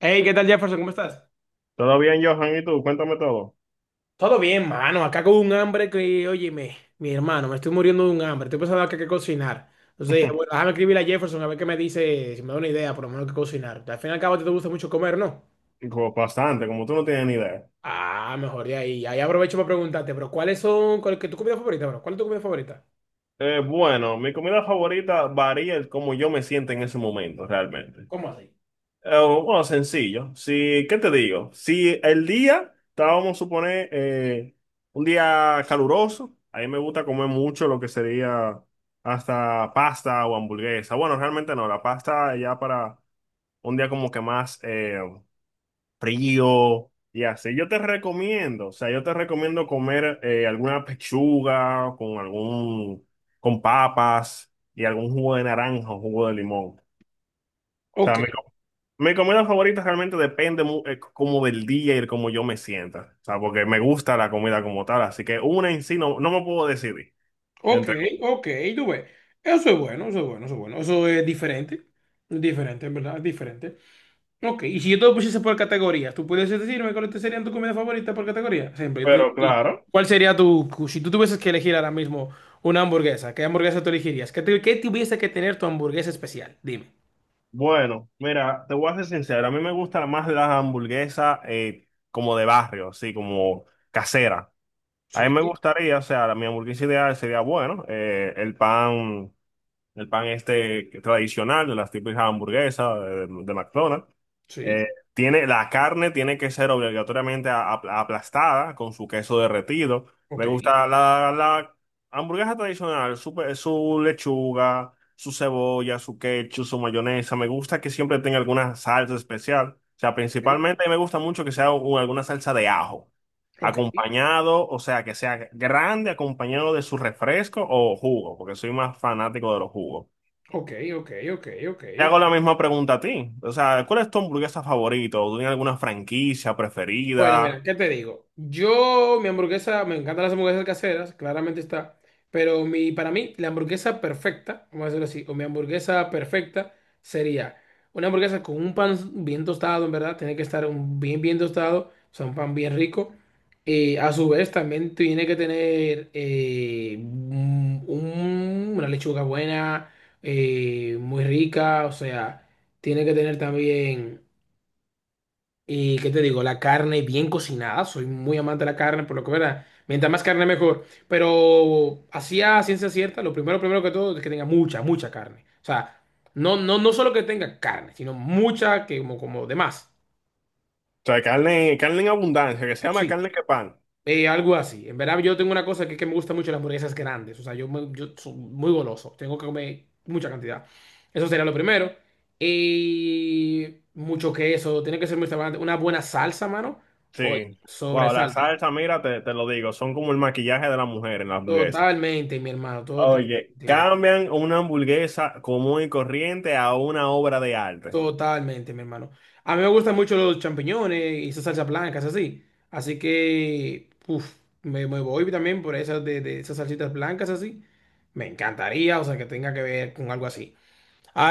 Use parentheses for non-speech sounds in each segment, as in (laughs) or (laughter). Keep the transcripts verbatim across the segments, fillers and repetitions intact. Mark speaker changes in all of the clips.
Speaker 1: Hey, ¿qué tal, Jefferson? ¿Cómo estás?
Speaker 2: ¿Todo bien, Johan? ¿Y tú? Cuéntame todo.
Speaker 1: Todo bien, mano. Acá con un hambre que, óyeme, mi hermano, me estoy muriendo de un hambre. Estoy pensando acá qué cocinar. Entonces dije, bueno,
Speaker 2: (laughs)
Speaker 1: déjame escribirle a Jefferson a ver qué me dice, si me da una idea, por lo menos qué cocinar. Al fin y al cabo, a ti te gusta mucho comer, ¿no?
Speaker 2: Como bastante, como tú no tienes ni idea.
Speaker 1: Ah, mejor de ahí. Ahí aprovecho para preguntarte, pero ¿cuáles son, ¿cuál es tu comida favorita, bro? ¿Cuál es tu comida favorita?
Speaker 2: Eh, bueno, mi comida favorita varía el cómo yo me siento en ese momento, realmente.
Speaker 1: ¿Cómo así?
Speaker 2: Eh, bueno, sencillo. Si, ¿qué te digo? Si el día, estábamos a suponer, eh, un día caluroso, a mí me gusta comer mucho lo que sería hasta pasta o hamburguesa. Bueno, realmente no, la pasta ya para un día como que más... eh, frío y así. Yo te recomiendo, o sea, yo te recomiendo comer eh, alguna pechuga con algún, con papas y algún jugo de naranja o jugo de limón. O
Speaker 1: Ok,
Speaker 2: sea, mi, co- mi comida favorita realmente depende mu- eh, como del día y como yo me sienta. O sea, porque me gusta la comida como tal, así que una en sí no, no me puedo decidir
Speaker 1: ok,
Speaker 2: entre.
Speaker 1: ok, tú ves. Eso es bueno, eso es bueno, eso es bueno. Eso es diferente. Diferente, en verdad, es diferente. Ok, y si yo te lo pusiese por categorías, ¿tú puedes decirme cuáles te serían tus comidas favoritas por categoría? Siempre. Yo te digo
Speaker 2: Pero
Speaker 1: a ti,
Speaker 2: claro,
Speaker 1: ¿cuál sería tu, si tú tuvieses que elegir ahora mismo una hamburguesa, ¿qué hamburguesa tú elegirías? ¿Qué, te- qué tuviese que tener tu hamburguesa especial? Dime.
Speaker 2: bueno, mira, te voy a ser sincero, a mí me gusta más las hamburguesas eh, como de barrio, así como casera. A mí
Speaker 1: Sí,
Speaker 2: me gustaría, o sea, la- mi hamburguesa ideal sería, bueno, eh, el pan, el pan este tradicional de las típicas hamburguesas eh, de, de McDonald's.
Speaker 1: sí,
Speaker 2: Eh, tiene, la carne tiene que ser obligatoriamente a- a- aplastada con su queso derretido.
Speaker 1: ok,
Speaker 2: Me gusta la, la hamburguesa tradicional, su, pe- su lechuga, su cebolla, su ketchup, su mayonesa. Me gusta que siempre tenga alguna salsa especial. O sea,
Speaker 1: ok,
Speaker 2: principalmente me gusta mucho que sea u- alguna salsa de ajo.
Speaker 1: ok,
Speaker 2: Acompañado, o sea, que sea grande, acompañado de su refresco o jugo, porque soy más fanático de los jugos.
Speaker 1: ok, ok, ok, ok.
Speaker 2: Te hago la misma pregunta a ti. O sea, ¿cuál es tu hamburguesa favorita? O, ¿tienes alguna franquicia
Speaker 1: Bueno, mira,
Speaker 2: preferida?
Speaker 1: ¿qué te digo? Yo, mi hamburguesa, me encantan las hamburguesas caseras, claramente está, pero mi, para mí, la hamburguesa perfecta, vamos a decirlo así, o mi hamburguesa perfecta sería una hamburguesa con un pan bien tostado, en verdad, tiene que estar un bien, bien tostado, o sea, un pan bien rico, y a su vez también tiene que tener eh, un- un- una lechuga buena, eh, muy rica, o sea, tiene que tener también y qué te digo, la carne bien cocinada, soy muy amante de la carne, por lo que verdad, mientras más carne mejor. Pero así a ciencia cierta, lo primero, primero que todo es que tenga mucha, mucha carne. O sea, no, no, no solo que tenga carne, sino mucha que como, como de más.
Speaker 2: O sea, carne, carne en abundancia, que se llama
Speaker 1: Sí,
Speaker 2: carne que pan.
Speaker 1: eh, algo así. En verdad, yo tengo una cosa que que me gusta mucho las hamburguesas grandes. O sea, yo, me- yo soy muy goloso, tengo que comer mucha cantidad. Eso sería lo primero. Y mucho queso, tiene que ser muy restaurante. Una buena salsa, mano. Oye,
Speaker 2: Sí.
Speaker 1: sobre
Speaker 2: Wow, la
Speaker 1: salsa.
Speaker 2: salsa, mira, te, te lo digo, son como el maquillaje de la mujer en la hamburguesa.
Speaker 1: Totalmente, mi hermano, totalmente,
Speaker 2: Oye,
Speaker 1: mi,
Speaker 2: cambian una hamburguesa común y corriente a una obra de arte.
Speaker 1: totalmente, mi hermano. A mí me gustan mucho los champiñones y esas salsas blancas, así. Así que, uf, me, me voy también por esas de, de esas salsitas blancas, así. Me encantaría, o sea, que tenga que ver con algo así.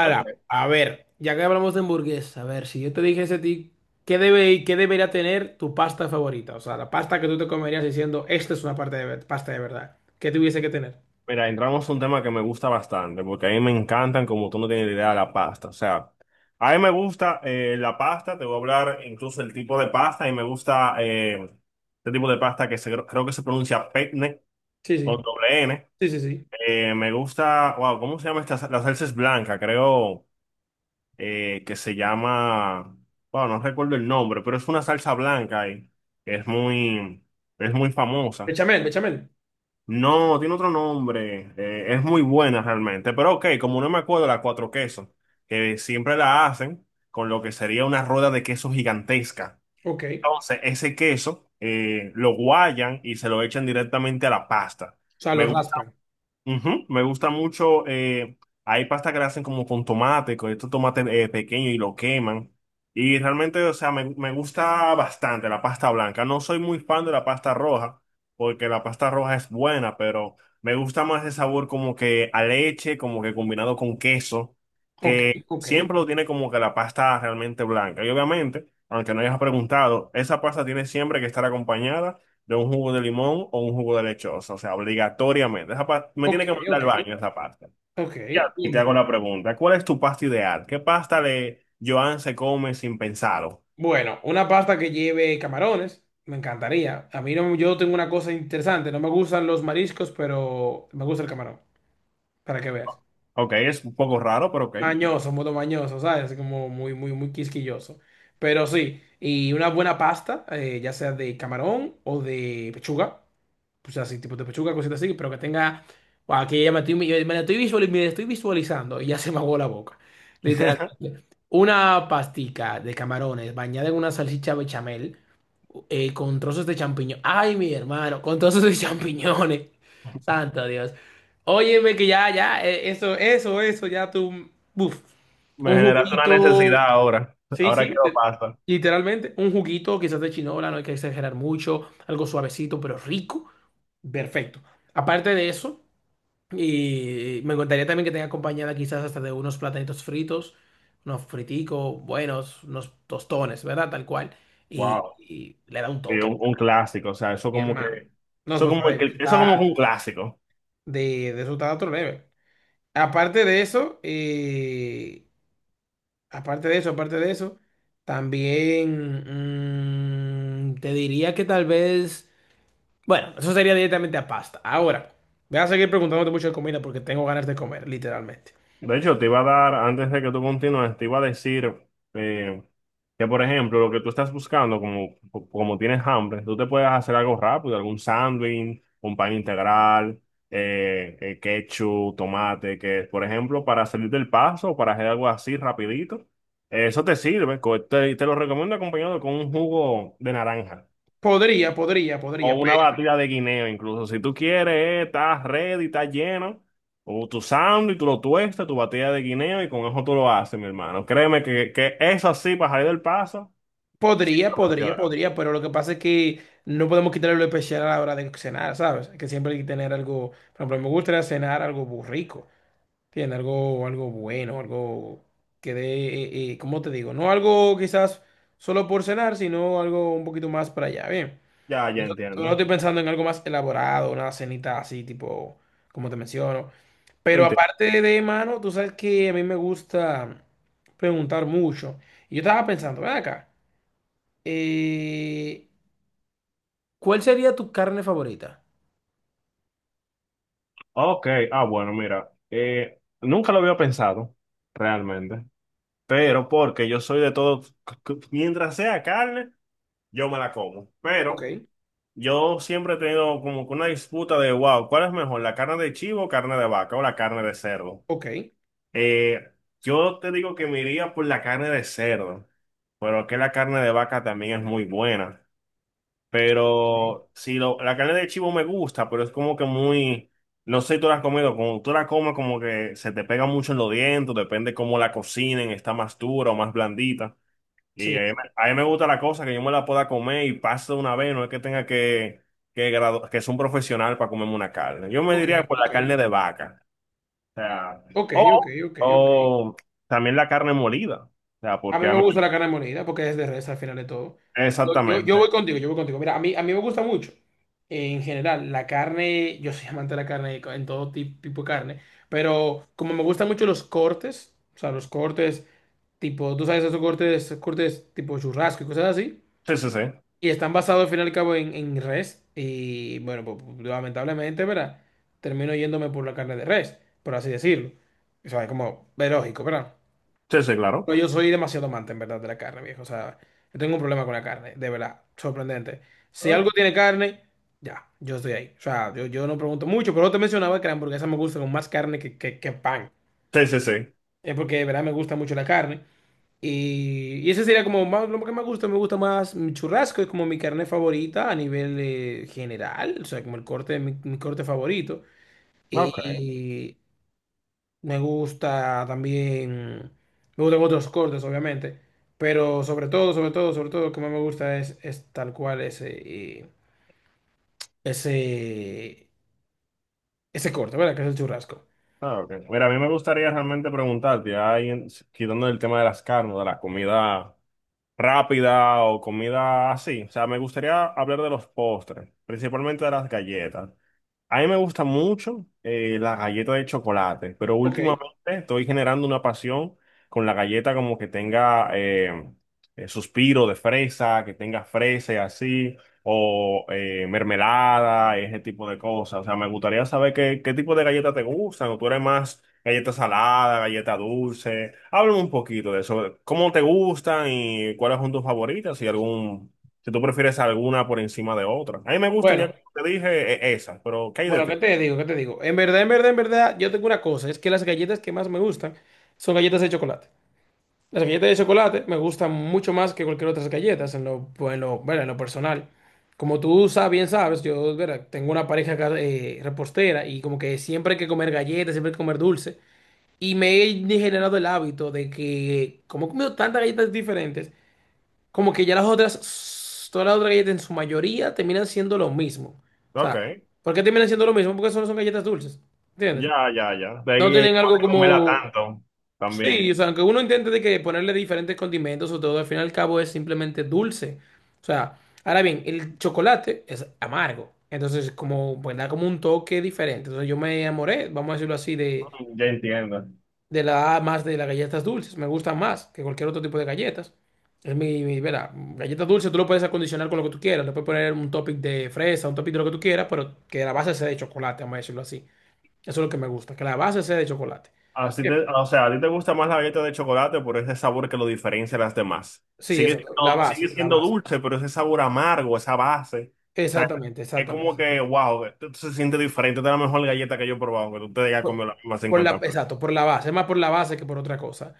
Speaker 2: Ok.
Speaker 1: a ver, ya que hablamos de hamburguesa, a ver, si yo te dijese a ti, ¿qué debe, qué debería tener tu pasta favorita? O sea, la pasta que tú te comerías diciendo, esta es una parte de, ver- pasta de verdad. ¿Qué tuviese que tener?
Speaker 2: Mira, entramos a un tema que me gusta bastante, porque a mí me encantan, como tú no tienes idea, la pasta. O sea, a mí me gusta eh, la pasta, te voy a hablar incluso del tipo de pasta, y me gusta eh, este tipo de pasta que se, creo que se pronuncia penne,
Speaker 1: Sí, sí,
Speaker 2: con doble N.
Speaker 1: sí, sí, sí.
Speaker 2: Eh, me gusta, wow, ¿cómo se llama esta? Sa- La salsa es blanca, creo eh, que se llama, wow, no recuerdo el nombre, pero es una salsa blanca y es muy, es muy famosa.
Speaker 1: Bechamel, bechamel.
Speaker 2: No, tiene otro nombre. Eh, es muy buena realmente. Pero ok, como no me acuerdo, la cuatro quesos, que siempre la hacen con lo que sería una rueda de queso gigantesca.
Speaker 1: Ok.
Speaker 2: Entonces, ese queso eh, lo guayan y se lo echan directamente a la pasta.
Speaker 1: O sea, lo
Speaker 2: Me, gu-
Speaker 1: raspan.
Speaker 2: Ujú, me gusta mucho. Eh, hay pasta que la hacen como con tomate, con estos tomates eh, pequeños y lo queman. Y realmente, o sea, me, me gusta bastante la pasta blanca. No soy muy fan de la pasta roja, porque la pasta roja es buena, pero me gusta más el sabor como que a leche, como que combinado con queso,
Speaker 1: Ok,
Speaker 2: que
Speaker 1: ok,
Speaker 2: siempre lo tiene como que la pasta realmente blanca. Y obviamente, aunque no hayas preguntado, esa pasta tiene siempre que estar acompañada de un jugo de limón o un jugo de lechosa, o sea, obligatoriamente. Esa pa- me
Speaker 1: ok,
Speaker 2: tiene que mandar
Speaker 1: ok,
Speaker 2: al baño esa pasta.
Speaker 1: ok.
Speaker 2: Ya, y te hago la pregunta, ¿cuál es tu pasta ideal? ¿Qué pasta de Joan se come sin pensarlo?
Speaker 1: Bueno, una pasta que lleve camarones, me encantaría. A mí no, yo tengo una cosa interesante, no me gustan los mariscos, pero me gusta el camarón, para que veas.
Speaker 2: Ok, es un poco raro, pero ok.
Speaker 1: Mañoso, modo mañoso, ¿sabes? Así como muy, muy, muy quisquilloso. Pero sí, y una buena pasta, eh, ya sea de camarón o de pechuga. Pues así, tipo de pechuga, cositas así, pero que tenga. Guau, aquí ya me estoy, me la estoy visualiz- me la estoy visualizando y ya se me aguó la boca.
Speaker 2: (laughs)
Speaker 1: Literalmente. Una pastica de camarones bañada en una salchicha bechamel eh, con trozos de champiñón. Ay, mi hermano, con trozos de champiñones. (laughs) Santo Dios. Óyeme que ya, ya, eh, eso, eso, eso, ya tú. Buf.
Speaker 2: Me
Speaker 1: Un
Speaker 2: generaste una necesidad
Speaker 1: juguito.
Speaker 2: ahora.
Speaker 1: Sí,
Speaker 2: Ahora
Speaker 1: sí,
Speaker 2: quiero
Speaker 1: te-
Speaker 2: pasta.
Speaker 1: literalmente. Un juguito quizás de chinola, no hay que exagerar mucho, algo suavecito pero rico. Perfecto. Aparte de eso, y me encantaría también que tenga acompañada quizás hasta de unos platanitos fritos, unos friticos buenos, unos tostones, ¿verdad? Tal cual. Y,
Speaker 2: Wow.
Speaker 1: y le da un
Speaker 2: Sí,
Speaker 1: toque.
Speaker 2: un, un clásico, o sea, eso
Speaker 1: Mi
Speaker 2: como que,
Speaker 1: hermano. No,
Speaker 2: eso
Speaker 1: eso
Speaker 2: como
Speaker 1: está de, eso
Speaker 2: que, eso
Speaker 1: está
Speaker 2: como que un clásico.
Speaker 1: de, de, eso está a otro nivel. Aparte de eso, eh, aparte de eso, aparte de eso, también mm, te diría que tal vez, bueno, eso sería directamente a pasta. Ahora, voy a seguir preguntándote mucho de comida porque tengo ganas de comer, literalmente.
Speaker 2: De hecho, te iba a dar, antes de que tú continúes, te iba a decir eh, que, por ejemplo, lo que tú estás buscando, como, como tienes hambre, tú te puedes hacer algo rápido, algún sándwich, un pan integral, eh, eh, ketchup, tomate, que, por ejemplo, para salir del paso, para hacer algo así rapidito, eh, eso te sirve, co- te, te lo recomiendo acompañado con un jugo de naranja.
Speaker 1: Podría, podría,
Speaker 2: O
Speaker 1: podría, pe-
Speaker 2: una batida de guineo, incluso. Si tú quieres, eh, estás ready, estás lleno. O tu sándwich, tú lo tuestas, tu batida de guineo y con eso tú lo haces, mi hermano. Créeme que, que eso así, para salir del paso,
Speaker 1: podría,
Speaker 2: lo
Speaker 1: podría,
Speaker 2: funciona.
Speaker 1: podría, pero lo que pasa es que no podemos quitarle lo especial a la hora de cenar, ¿sabes? Que siempre hay que tener algo, por ejemplo, me gustaría cenar algo muy rico. Tiene algo, algo bueno, algo que dé, eh, eh, ¿cómo te digo? No algo quizás solo por cenar, sino algo un poquito más para allá. Bien.
Speaker 2: Ya, ya
Speaker 1: Eso- No
Speaker 2: entiendo.
Speaker 1: estoy pensando en algo más elaborado, una cenita así, tipo, como te menciono. Pero
Speaker 2: Entiendo.
Speaker 1: aparte de mano, tú sabes que a mí me gusta preguntar mucho. Y yo estaba pensando, ven acá, eh, ¿cuál sería tu carne favorita?
Speaker 2: Ok, ah, bueno, mira. Eh, nunca lo había pensado, realmente. Pero porque yo soy de todo, c- c- mientras sea carne, yo me la como.
Speaker 1: Ok,
Speaker 2: Pero. Yo siempre he tenido como que una disputa de, wow, ¿cuál es mejor, la carne de chivo, carne de vaca o la carne de cerdo?
Speaker 1: ok.
Speaker 2: Eh, yo te digo que me iría por la carne de cerdo, pero que la carne de vaca también es muy buena. Pero si lo- la carne de chivo me gusta, pero es como que muy, no sé si tú la has comido, como tú la comes como que se te pega mucho en los dientes, depende cómo la cocinen, está más dura o más blandita. Y
Speaker 1: Sí,
Speaker 2: a mí, me a mí me gusta la cosa que yo me la pueda comer y paso de una vez, no es que tenga que, que, gradu- que ser un profesional para comerme una carne. Yo me
Speaker 1: ok,
Speaker 2: diría por
Speaker 1: ok.
Speaker 2: la carne de vaca. O sea,
Speaker 1: Ok, ok,
Speaker 2: o,
Speaker 1: ok, ok.
Speaker 2: o también la carne molida. O sea,
Speaker 1: A
Speaker 2: porque
Speaker 1: mí
Speaker 2: a
Speaker 1: me
Speaker 2: mí,
Speaker 1: gusta la carne molida porque es de res al final de todo. Yo, yo, yo voy
Speaker 2: exactamente.
Speaker 1: contigo, yo voy contigo. Mira, a mí, a mí me gusta mucho, eh, en general, la carne, yo soy amante de la carne, en todo ti- tipo de carne, pero como me gustan mucho los cortes, o sea, los cortes tipo, tú sabes, esos cortes, cortes tipo churrasco y cosas así,
Speaker 2: Sí, sí, sí.
Speaker 1: y están basados al final y al cabo en, en res, y bueno, pues, pues, lamentablemente, ¿verdad? Termino yéndome por la carne de res, por así decirlo. O sea, es como, es lógico, ¿verdad?
Speaker 2: Sí, sí, claro.
Speaker 1: No, yo soy demasiado amante, en verdad, de la carne, viejo. O sea, yo tengo un problema con la carne, de verdad, sorprendente. Si
Speaker 2: Ok.
Speaker 1: algo tiene carne, ya, yo estoy ahí. O sea, yo, yo no pregunto mucho, pero te mencionaba que la hamburguesa me gusta con más carne que, que, que pan.
Speaker 2: Sí, sí, sí.
Speaker 1: Es porque, de verdad, me gusta mucho la carne. Y, y ese sería como más, lo que me gusta, me gusta más mi churrasco, es como mi carne favorita a nivel eh, general, o sea, como el corte, mi, mi corte favorito.
Speaker 2: Ok.
Speaker 1: Y, me gusta también, me gustan otros cortes, obviamente, pero sobre todo, sobre todo, sobre todo, lo que más me gusta es, es tal cual ese, eh, ese, ese corte, ¿verdad? Que es el churrasco.
Speaker 2: Ah, ok. Mira, a mí me gustaría realmente preguntarte, ahí en- quitando el tema de las carnes, de la comida rápida o comida así. O sea, me gustaría hablar de los postres, principalmente de las galletas. A mí me gusta mucho eh, la galleta de chocolate, pero
Speaker 1: Ok.
Speaker 2: últimamente estoy generando una pasión con la galleta como que tenga eh, eh, suspiro de fresa, que tenga fresa y así, o eh, mermelada, ese tipo de cosas. O sea, me gustaría saber qué, qué tipo de galleta te gustan, o tú eres más galleta salada, galleta dulce. Háblame un poquito de eso, cómo te gustan y cuáles son tus favoritas, si algún, si tú prefieres alguna por encima de otra. A mí me gustan
Speaker 1: Bueno,
Speaker 2: ya te dije eh, esa, pero ¿qué hay de
Speaker 1: bueno, ¿qué
Speaker 2: ti?
Speaker 1: te digo? ¿Qué te digo? En verdad, en verdad, en verdad, yo tengo una cosa, es que las galletas que más me gustan son galletas de chocolate. Las galletas de chocolate me gustan mucho más que cualquier otras galletas en lo, pues, en lo, bueno, en lo personal. Como tú sabes, bien sabes, yo verá, tengo una pareja acá, eh, repostera y como que siempre hay que comer galletas, siempre hay que comer dulce. Y me he generado el hábito de que como he comido tantas galletas diferentes, como que ya las otras, todas las otras galletas en su mayoría terminan siendo lo mismo. O
Speaker 2: Ok,
Speaker 1: sea, ¿por qué terminan siendo lo mismo? Porque solo son galletas dulces. ¿Entiendes?
Speaker 2: ya, ya, ya. De
Speaker 1: No
Speaker 2: ahí eh,
Speaker 1: tienen
Speaker 2: no
Speaker 1: algo
Speaker 2: de comerla
Speaker 1: como...
Speaker 2: tanto
Speaker 1: Sí,
Speaker 2: también.
Speaker 1: o sea, aunque uno intente de que ponerle diferentes condimentos o todo, al fin y al cabo es simplemente dulce. O sea, ahora bien, el chocolate es amargo. Entonces, como, pues da como un toque diferente. Entonces, yo me enamoré, vamos a decirlo así, de,
Speaker 2: Mm, ya entiendo.
Speaker 1: de la más de las galletas dulces. Me gustan más que cualquier otro tipo de galletas. Es mi, mi, verá, galletas dulces tú lo puedes acondicionar con lo que tú quieras. Le puedes poner un topping de fresa, un topping de lo que tú quieras, pero que la base sea de chocolate, vamos a decirlo así. Eso es lo que me gusta, que la base sea de chocolate.
Speaker 2: Así
Speaker 1: Bien.
Speaker 2: te, o sea, a ti te gusta más la galleta de chocolate por ese sabor que lo diferencia de las demás.
Speaker 1: Sí,
Speaker 2: Sigue
Speaker 1: exacto, la
Speaker 2: siendo, sigue
Speaker 1: base, la
Speaker 2: siendo
Speaker 1: base.
Speaker 2: dulce, pero ese sabor amargo, esa base. O sea,
Speaker 1: Exactamente,
Speaker 2: es
Speaker 1: exactamente,
Speaker 2: como que,
Speaker 1: exactamente.
Speaker 2: wow, esto se siente diferente. Esta es la mejor galleta que yo he probado, que tú te hayas
Speaker 1: Por,
Speaker 2: comido la misma
Speaker 1: por la,
Speaker 2: cincuenta.
Speaker 1: exacto, por la base, es más por la base que por otra cosa.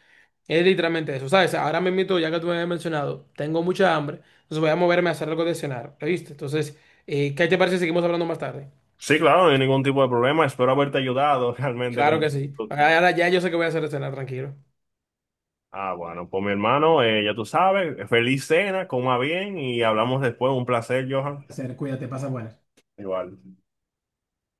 Speaker 1: Es literalmente eso, ¿sabes? Ahora me invito, ya que tú me habías mencionado, tengo mucha hambre, entonces voy a moverme a hacer algo de cenar, ¿viste? Entonces, eh, ¿qué te parece si seguimos hablando más tarde?
Speaker 2: Sí, claro, no hay ningún tipo de problema. Espero haberte ayudado (laughs) realmente
Speaker 1: Claro
Speaker 2: con
Speaker 1: que sí.
Speaker 2: tu.
Speaker 1: Ahora ya yo sé que voy a hacer de cenar, tranquilo.
Speaker 2: Ah, bueno, pues mi hermano, eh, ya tú sabes, feliz cena, coma bien y hablamos después. Un placer, Johan.
Speaker 1: Hacer, cuídate, pasa buenas.
Speaker 2: Igual.